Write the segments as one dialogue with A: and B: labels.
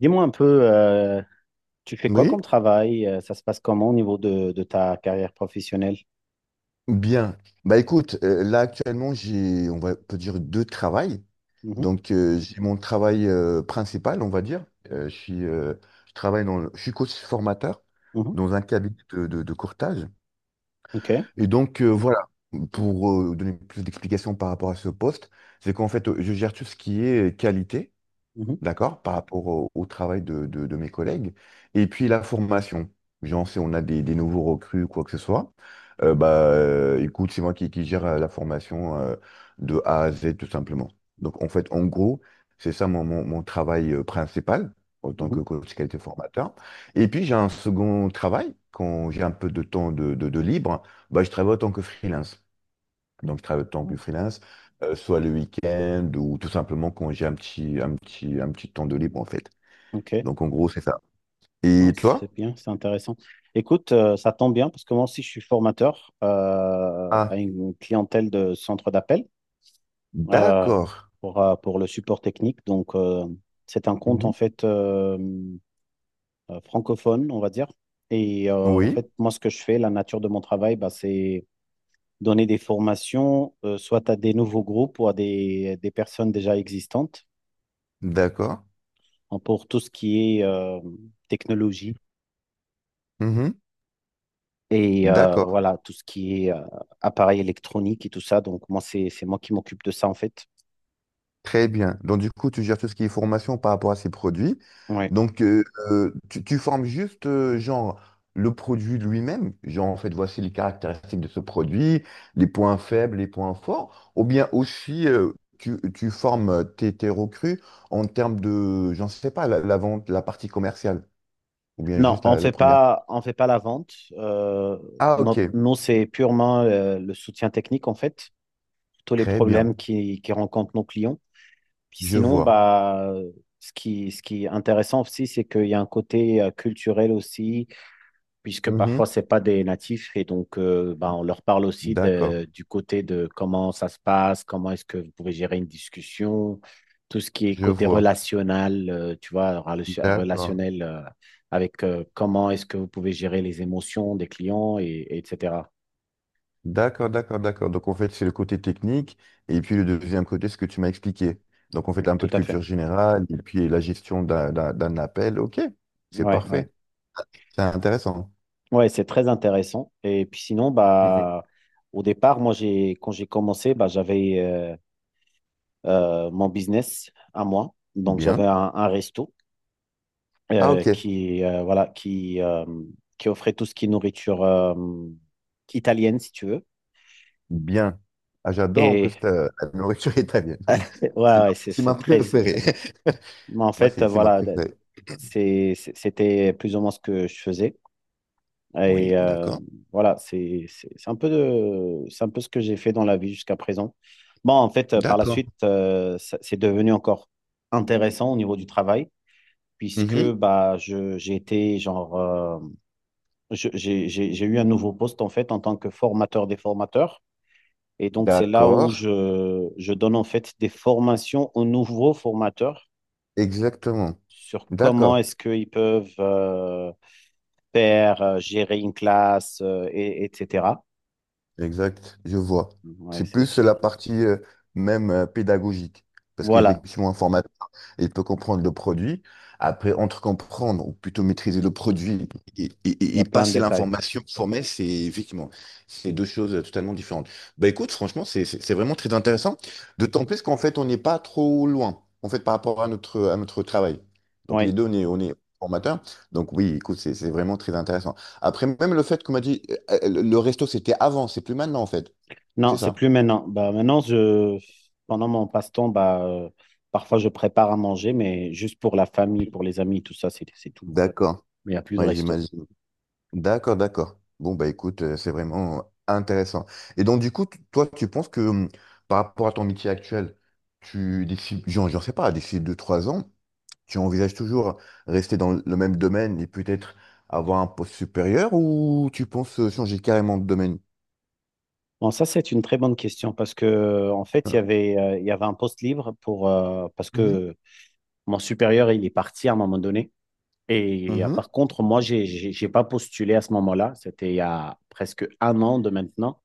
A: Dis-moi un peu, euh, tu fais quoi
B: Oui,
A: comme travail? Ça se passe comment au niveau de ta carrière professionnelle?
B: bien. Bah écoute, là actuellement on va peut dire deux travails.
A: Mhm,
B: Donc j'ai mon travail principal, on va dire. Euh, je suis, euh, je suis coach formateur
A: mhm,
B: dans un cabinet de courtage.
A: ok.
B: Et donc voilà, pour donner plus d'explications par rapport à ce poste, c'est qu'en fait je gère tout ce qui est qualité.
A: Mhm,
B: D'accord, par rapport au travail de mes collègues. Et puis la formation. Genre, si on a des nouveaux recrues ou quoi que ce soit, bah, écoute, c'est moi qui gère la formation de A à Z, tout simplement. Donc, en fait, en gros, c'est ça mon travail principal en tant
A: mhm,
B: que coach qualité formateur. Et puis, j'ai un second travail, quand j'ai un peu de temps de libre, bah, je travaille en tant que freelance. Donc, je travaille autant que
A: mhm,
B: freelance, soit le week-end ou tout simplement quand j'ai un petit temps de libre, en fait.
A: ok.
B: Donc, en gros, c'est ça.
A: Non,
B: Et
A: c'est
B: toi?
A: bien, c'est intéressant. Écoute, ça tombe bien parce que moi aussi, je suis formateur à
B: Ah,
A: une clientèle de centre d'appel euh,
B: d'accord.
A: pour le support technique. Donc, c'est un compte en
B: Mhm.
A: fait francophone, on va dire. Et en
B: Oui,
A: fait, moi, ce que je fais, la nature de mon travail, bah, c'est donner des formations, soit à des nouveaux groupes ou à des personnes déjà existantes
B: d'accord.
A: hein, pour tout ce qui est technologie
B: Mhm.
A: et
B: D'accord.
A: voilà, tout ce qui est appareil électronique et tout ça. Donc, moi, c'est moi qui m'occupe de ça, en fait.
B: Très bien. Donc, du coup, tu gères tout ce qui est formation par rapport à ces produits.
A: Ouais.
B: Donc, tu formes juste, genre, le produit lui-même. Genre, en fait, voici les caractéristiques de ce produit, les points faibles, les points forts. Ou bien aussi, tu formes tes recrues en termes de, j'en sais pas, la vente, la partie commerciale. Ou bien
A: Non,
B: juste la première.
A: on fait pas la vente.
B: Ah, ok.
A: Nous, c'est purement le soutien technique, en fait, tous les
B: Très bien.
A: problèmes qui rencontrent nos clients. Puis
B: Je
A: sinon,
B: vois.
A: bah, ce qui est intéressant aussi, c'est qu'il y a un côté culturel aussi puisque parfois
B: Mhm.
A: c'est pas des natifs et donc bah, on leur parle aussi
B: D'accord.
A: du côté de comment ça se passe, comment est-ce que vous pouvez gérer une discussion, tout ce qui est
B: Je
A: côté
B: vois.
A: relationnel, tu vois,
B: D'accord.
A: relationnel avec comment est-ce que vous pouvez gérer les émotions des clients et etc.
B: D'accord, d'accord, d'accord. Donc en fait, c'est le côté technique et puis le deuxième côté, ce que tu m'as expliqué. Donc en fait, un peu
A: Tout
B: de
A: à fait.
B: culture générale et puis la gestion d'un appel. Ok, c'est
A: Ouais, ouais.
B: parfait. C'est intéressant.
A: Ouais, c'est très intéressant. Et puis sinon,
B: Mm, mm.
A: bah au départ, moi j'ai quand j'ai commencé, bah j'avais mon business à moi. Donc j'avais
B: Bien.
A: un resto
B: Ah, ok,
A: voilà, qui offrait tout ce qui est nourriture italienne, si tu veux.
B: bien. Ah, j'adore en
A: Et
B: plus la nourriture italienne. C'est
A: ouais,
B: ma,
A: ouais,
B: c'est ma
A: c'est très
B: préférée.
A: bon. Mais en
B: Moi,
A: fait,
B: c'est c'est ma
A: voilà,
B: préférée.
A: c'était plus ou moins ce que je faisais. Et
B: Oui, d'accord.
A: voilà, c'est un peu ce que j'ai fait dans la vie jusqu'à présent. Bon, en fait, par la
B: D'accord.
A: suite, c'est devenu encore intéressant au niveau du travail, puisque
B: Mhm.
A: bah, je, j'ai été genre je- j'ai eu un nouveau poste en fait en tant que formateur des formateurs. Et donc, c'est là où
B: D'accord,
A: je donne en fait des formations aux nouveaux formateurs
B: exactement.
A: sur comment
B: D'accord.
A: est-ce qu'ils peuvent gérer une classe, et etc.
B: Exact, je vois.
A: Ouais,
B: C'est plus la partie même pédagogique. Parce
A: voilà,
B: qu'effectivement, un formateur, il peut comprendre le produit. Après, entre comprendre, ou plutôt maîtriser le produit et, et-
A: il
B: et-
A: y a
B: et
A: plein de
B: passer
A: détails.
B: l'information formée, c'est effectivement, c'est deux choses totalement différentes. Bah écoute, franchement, c'est vraiment très intéressant. D'autant plus qu'en fait, on n'est pas trop loin, en fait, par rapport à notre travail. Donc
A: Oui.
B: les deux, on est formateur. Donc oui, écoute, c'est vraiment très intéressant. Après, même le fait qu'on m'a dit, le resto, c'était avant, c'est plus maintenant, en fait.
A: Non,
B: C'est
A: c'est
B: ça.
A: plus maintenant. Bah, maintenant, pendant mon passe-temps, bah, parfois je prépare à manger, mais juste pour la famille, pour les amis, tout ça, c'est tout.
B: D'accord.
A: Mais il n'y a plus de
B: Ouais,
A: resto.
B: j'imagine. D'accord, d'accord. Bon, bah écoute, c'est vraiment intéressant. Et donc, du coup, toi, tu penses que par rapport à ton métier actuel, d'ici, j'en sais pas, d'ici 2 3 ans, tu envisages toujours rester dans le même domaine et peut-être avoir un poste supérieur ou tu penses changer carrément de domaine?
A: Bon, ça, c'est une très bonne question parce que, en fait,
B: Hein.
A: il y avait un poste libre pour, parce
B: Mhm.
A: que mon supérieur, il est parti à un moment donné. Et
B: Mhm.
A: par contre, moi, j'ai pas postulé à ce moment-là. C'était il y a presque un an de maintenant.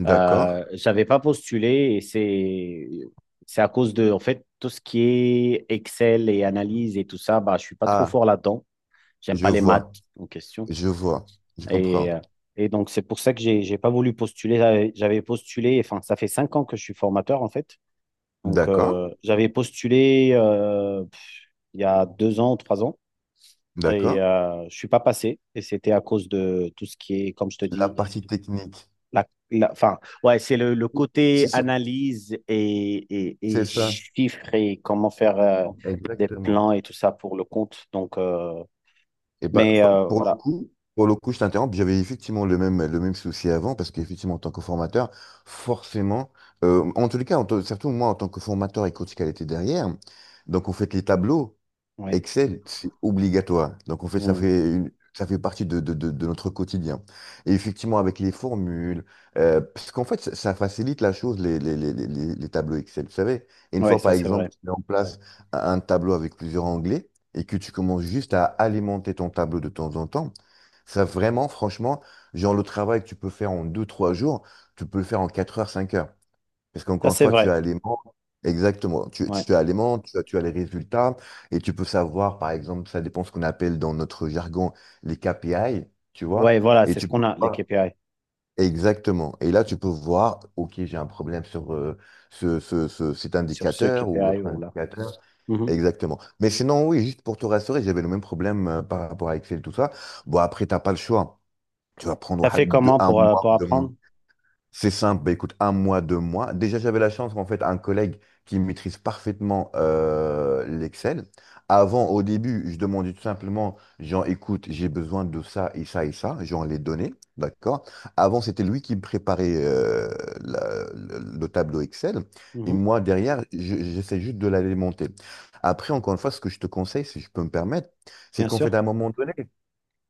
B: D'accord.
A: J'avais pas postulé et c'est à cause de en fait tout ce qui est Excel et analyse et tout ça, bah je suis pas trop
B: Ah,
A: fort là-dedans. J'aime
B: je
A: pas les
B: vois,
A: maths en question
B: je vois, je comprends.
A: et euh, et donc c'est pour ça que j'ai pas voulu postuler. J'avais postulé, enfin ça fait 5 ans que je suis formateur en fait. Donc
B: D'accord,
A: j'avais postulé il y a 2 ans, 3 ans et
B: d'accord.
A: je suis pas passé et c'était à cause de tout ce qui est comme je te
B: La
A: dis.
B: partie technique,
A: Enfin, ouais, c'est le côté
B: c'est sûr,
A: analyse
B: c'est
A: et
B: ça,
A: chiffres et comment faire des
B: exactement.
A: plans et tout ça pour le compte. Donc,
B: Et bah,
A: mais
B: pour le
A: voilà,
B: coup, pour le coup, je t'interromps, j'avais effectivement le même souci avant, parce qu'effectivement, en tant que formateur, forcément, en tous les cas, surtout moi, en tant que formateur et coach qualité derrière, donc on fait les tableaux,
A: oui.
B: Excel, c'est obligatoire. Donc, en fait, ça
A: Mm.
B: fait ça fait partie de notre quotidien. Et effectivement, avec les formules, parce qu'en fait, ça facilite la chose, les tableaux Excel, vous savez. Et une
A: Ouais,
B: fois,
A: ça
B: par
A: c'est vrai.
B: exemple, tu mets en place un tableau avec plusieurs onglets et que tu commences juste à alimenter ton tableau de temps en temps, ça vraiment, franchement, genre le travail que tu peux faire en 2, 3 jours, tu peux le faire en 4 heures, 5 heures. Parce
A: Ça
B: qu'encore une
A: c'est
B: fois,
A: vrai.
B: tu as les membres, exactement, tu,
A: Ouais,
B: tu as les membres, tu as les résultats, et tu peux savoir, par exemple, ça dépend ce qu'on appelle dans notre jargon les KPI, tu vois,
A: ouais, voilà,
B: et
A: c'est ce
B: tu
A: qu'on
B: peux
A: a, les
B: voir,
A: KPI,
B: exactement, et là, tu peux voir, OK, j'ai un problème sur cet
A: sur ce
B: indicateur ou
A: KPI
B: l'autre
A: ou là.
B: indicateur,
A: Mhm.
B: exactement. Mais sinon, oui, juste pour te rassurer, j'avais le même problème par rapport à Excel, tout ça. Bon, après, tu n'as pas le choix. Tu vas prendre
A: Ça fait comment
B: un mois,
A: pour
B: deux mois.
A: apprendre?
B: C'est simple, bah, écoute, 1 mois, 2 mois. Déjà, j'avais la chance, en fait, un collègue qui maîtrise parfaitement l'Excel. Avant, au début, je demandais tout simplement, genre, écoute, j'ai besoin de ça et ça et ça, genre les données, d'accord? Avant, c'était lui qui me préparait le tableau Excel, et
A: Mhm.
B: moi, derrière, j'essaie juste de l'alimenter. Après, encore une fois, ce que je te conseille, si je peux me permettre, c'est
A: Bien
B: qu'en fait,
A: sûr.
B: à un moment donné,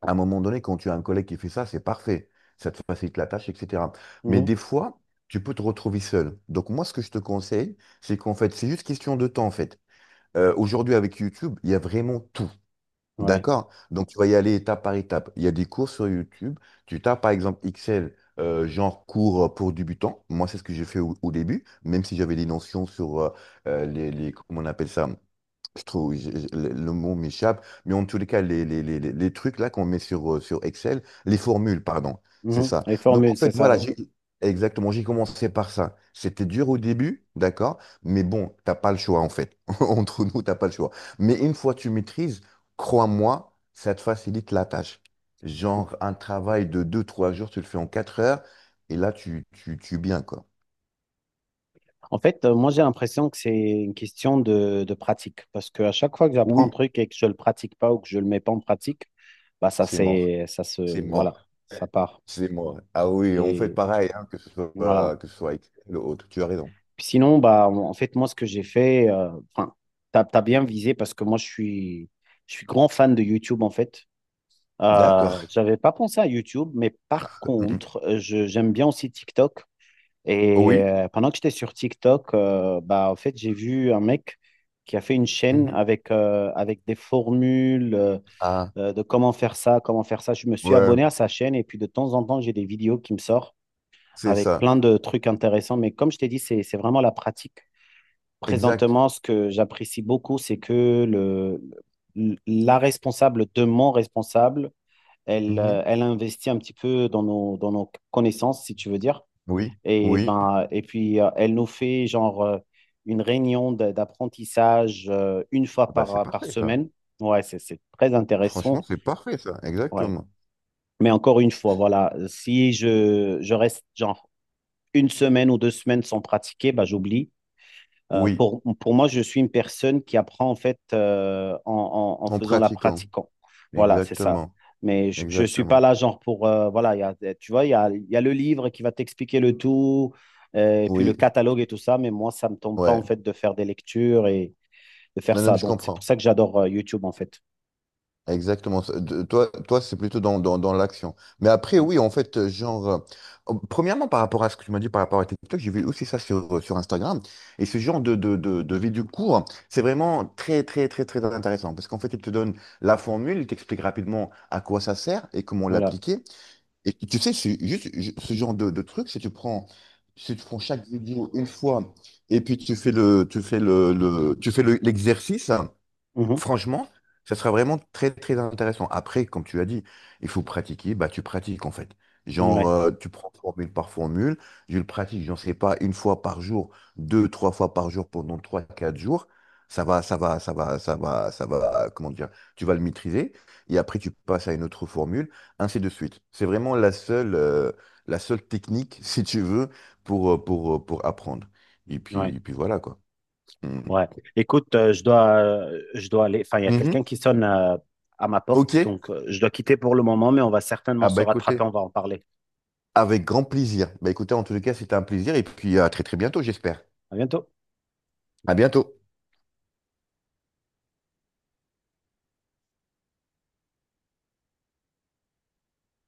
B: à un moment donné, quand tu as un collègue qui fait ça, c'est parfait. Ça te facilite la tâche, etc. Mais
A: Mhm.
B: des fois, tu peux te retrouver seul. Donc moi, ce que je te conseille, c'est qu'en fait, c'est juste question de temps, en fait. Aujourd'hui, avec YouTube, il y a vraiment tout.
A: Ouais.
B: D'accord? Donc tu vas y aller étape par étape. Il y a des cours sur YouTube. Tu tapes par exemple Excel, genre cours pour débutants. Moi, c'est ce que j'ai fait au début, même si j'avais des notions sur comment on appelle ça? Je trouve, le mot m'échappe, mais en tous les cas, les trucs là qu'on met sur Excel, les formules, pardon, c'est
A: Mhm.
B: ça.
A: Les
B: Donc en
A: formules, c'est
B: fait,
A: ça,
B: voilà,
A: oui.
B: exactement, j'ai commencé par ça. C'était dur au début, d'accord, mais bon, t'as pas le choix en fait. Entre nous, t'as pas le choix. Mais une fois que tu maîtrises, crois-moi, ça te facilite la tâche. Genre, un travail de 2 3 jours, tu le fais en 4 heures, et là, tu es bien, quoi.
A: En fait, moi, j'ai l'impression que c'est une question de pratique. Parce qu'à chaque fois que j'apprends un
B: Oui,
A: truc et que je le pratique pas ou que je le mets pas en pratique, bah, ça,
B: c'est mort.
A: c'est, ça se,
B: C'est
A: voilà,
B: mort.
A: ça part.
B: C'est mort. Ah oui, on fait
A: Et
B: pareil, hein, que ce
A: voilà.
B: soit, que ce soit avec le autre. Tu as raison.
A: Puis sinon, bah, en fait, moi, ce que j'ai fait, enfin, t'as bien visé parce que moi, je suis grand fan de YouTube, en fait.
B: D'accord.
A: J'avais pas pensé à YouTube, mais par
B: Mhm.
A: contre, j'aime bien aussi TikTok. Et
B: Oui.
A: pendant que j'étais sur TikTok, bah, en fait, j'ai vu un mec qui a fait une chaîne
B: Mhm.
A: avec, avec des formules
B: Ah,
A: de comment faire ça, comment faire ça. Je me suis
B: ouais,
A: abonné à sa chaîne et puis de temps en temps, j'ai des vidéos qui me sortent
B: c'est
A: avec
B: ça.
A: plein de trucs intéressants. Mais comme je t'ai dit, c'est vraiment la pratique.
B: Exact.
A: Présentement, ce que j'apprécie beaucoup, c'est que la responsable de mon responsable, elle,
B: Mhm.
A: elle investit un petit peu dans dans nos connaissances, si tu veux dire.
B: Oui,
A: Et,
B: oui.
A: ben, et puis, elle nous fait genre une réunion d'apprentissage une
B: Ah
A: fois
B: bah, c'est
A: par
B: parfait, ça.
A: semaine. Ouais, c'est très
B: Franchement,
A: intéressant.
B: c'est parfait, ça.
A: Ouais.
B: Exactement.
A: Mais encore une fois, voilà, si je reste genre 1 semaine ou 2 semaines sans pratiquer, bah, j'oublie. Euh,
B: Oui,
A: pour, pour moi, je suis une personne qui apprend en fait en
B: en
A: faisant la
B: pratiquant.
A: pratiquant. Voilà, c'est ça.
B: Exactement.
A: Mais je ne suis pas
B: Exactement.
A: là genre pour... voilà, tu vois, il y a le livre qui va t'expliquer le tout, et puis le
B: Oui,
A: catalogue et tout ça, mais moi, ça ne me tombe pas
B: ouais.
A: en fait de faire des lectures et de faire
B: Non, non,
A: ça.
B: mais je
A: Donc, c'est pour
B: comprends.
A: ça que j'adore YouTube en fait.
B: Exactement. Ça. Toi, c'est plutôt dans l'action. Mais après,
A: Ouais.
B: oui, en fait, genre, premièrement, par rapport à ce que tu m'as dit par rapport à TikTok, j'ai vu aussi ça sur, sur Instagram. Et ce genre de vidéos courtes, c'est vraiment très, très, très, très intéressant. Parce qu'en fait, il te donne la formule, il t'explique rapidement à quoi ça sert et comment
A: Voilà.
B: l'appliquer. Et tu sais, c'est juste ce genre de truc, si tu prends chaque vidéo une fois et puis tu fais l'exercice. Hein,
A: Mhm.
B: franchement, ça sera vraiment très très intéressant. Après, comme tu as dit, il faut pratiquer, bah tu pratiques en fait. Genre,
A: Ouais.
B: tu prends formule par formule, je le pratique, j'en sais pas, une fois par jour, 2, 3 fois par jour pendant 3, 4 jours. Ça va, ça va, ça va, ça va, ça va, comment dire, tu vas le maîtriser. Et après, tu passes à une autre formule, ainsi de suite. C'est vraiment la seule technique, si tu veux, pour apprendre. Et
A: Ouais.
B: puis, et puis voilà, quoi. Mm.
A: Ouais. Écoute, je dois aller. Enfin, il y a quelqu'un
B: Mhm.
A: qui sonne à ma
B: Ok.
A: porte, donc je dois quitter pour le moment, mais on va certainement
B: Ah
A: se
B: bah
A: rattraper.
B: écoutez.
A: On va en parler.
B: Avec grand plaisir. Bah écoutez, en tous les cas, c'était un plaisir et puis à très très bientôt, j'espère.
A: À bientôt.
B: À bientôt.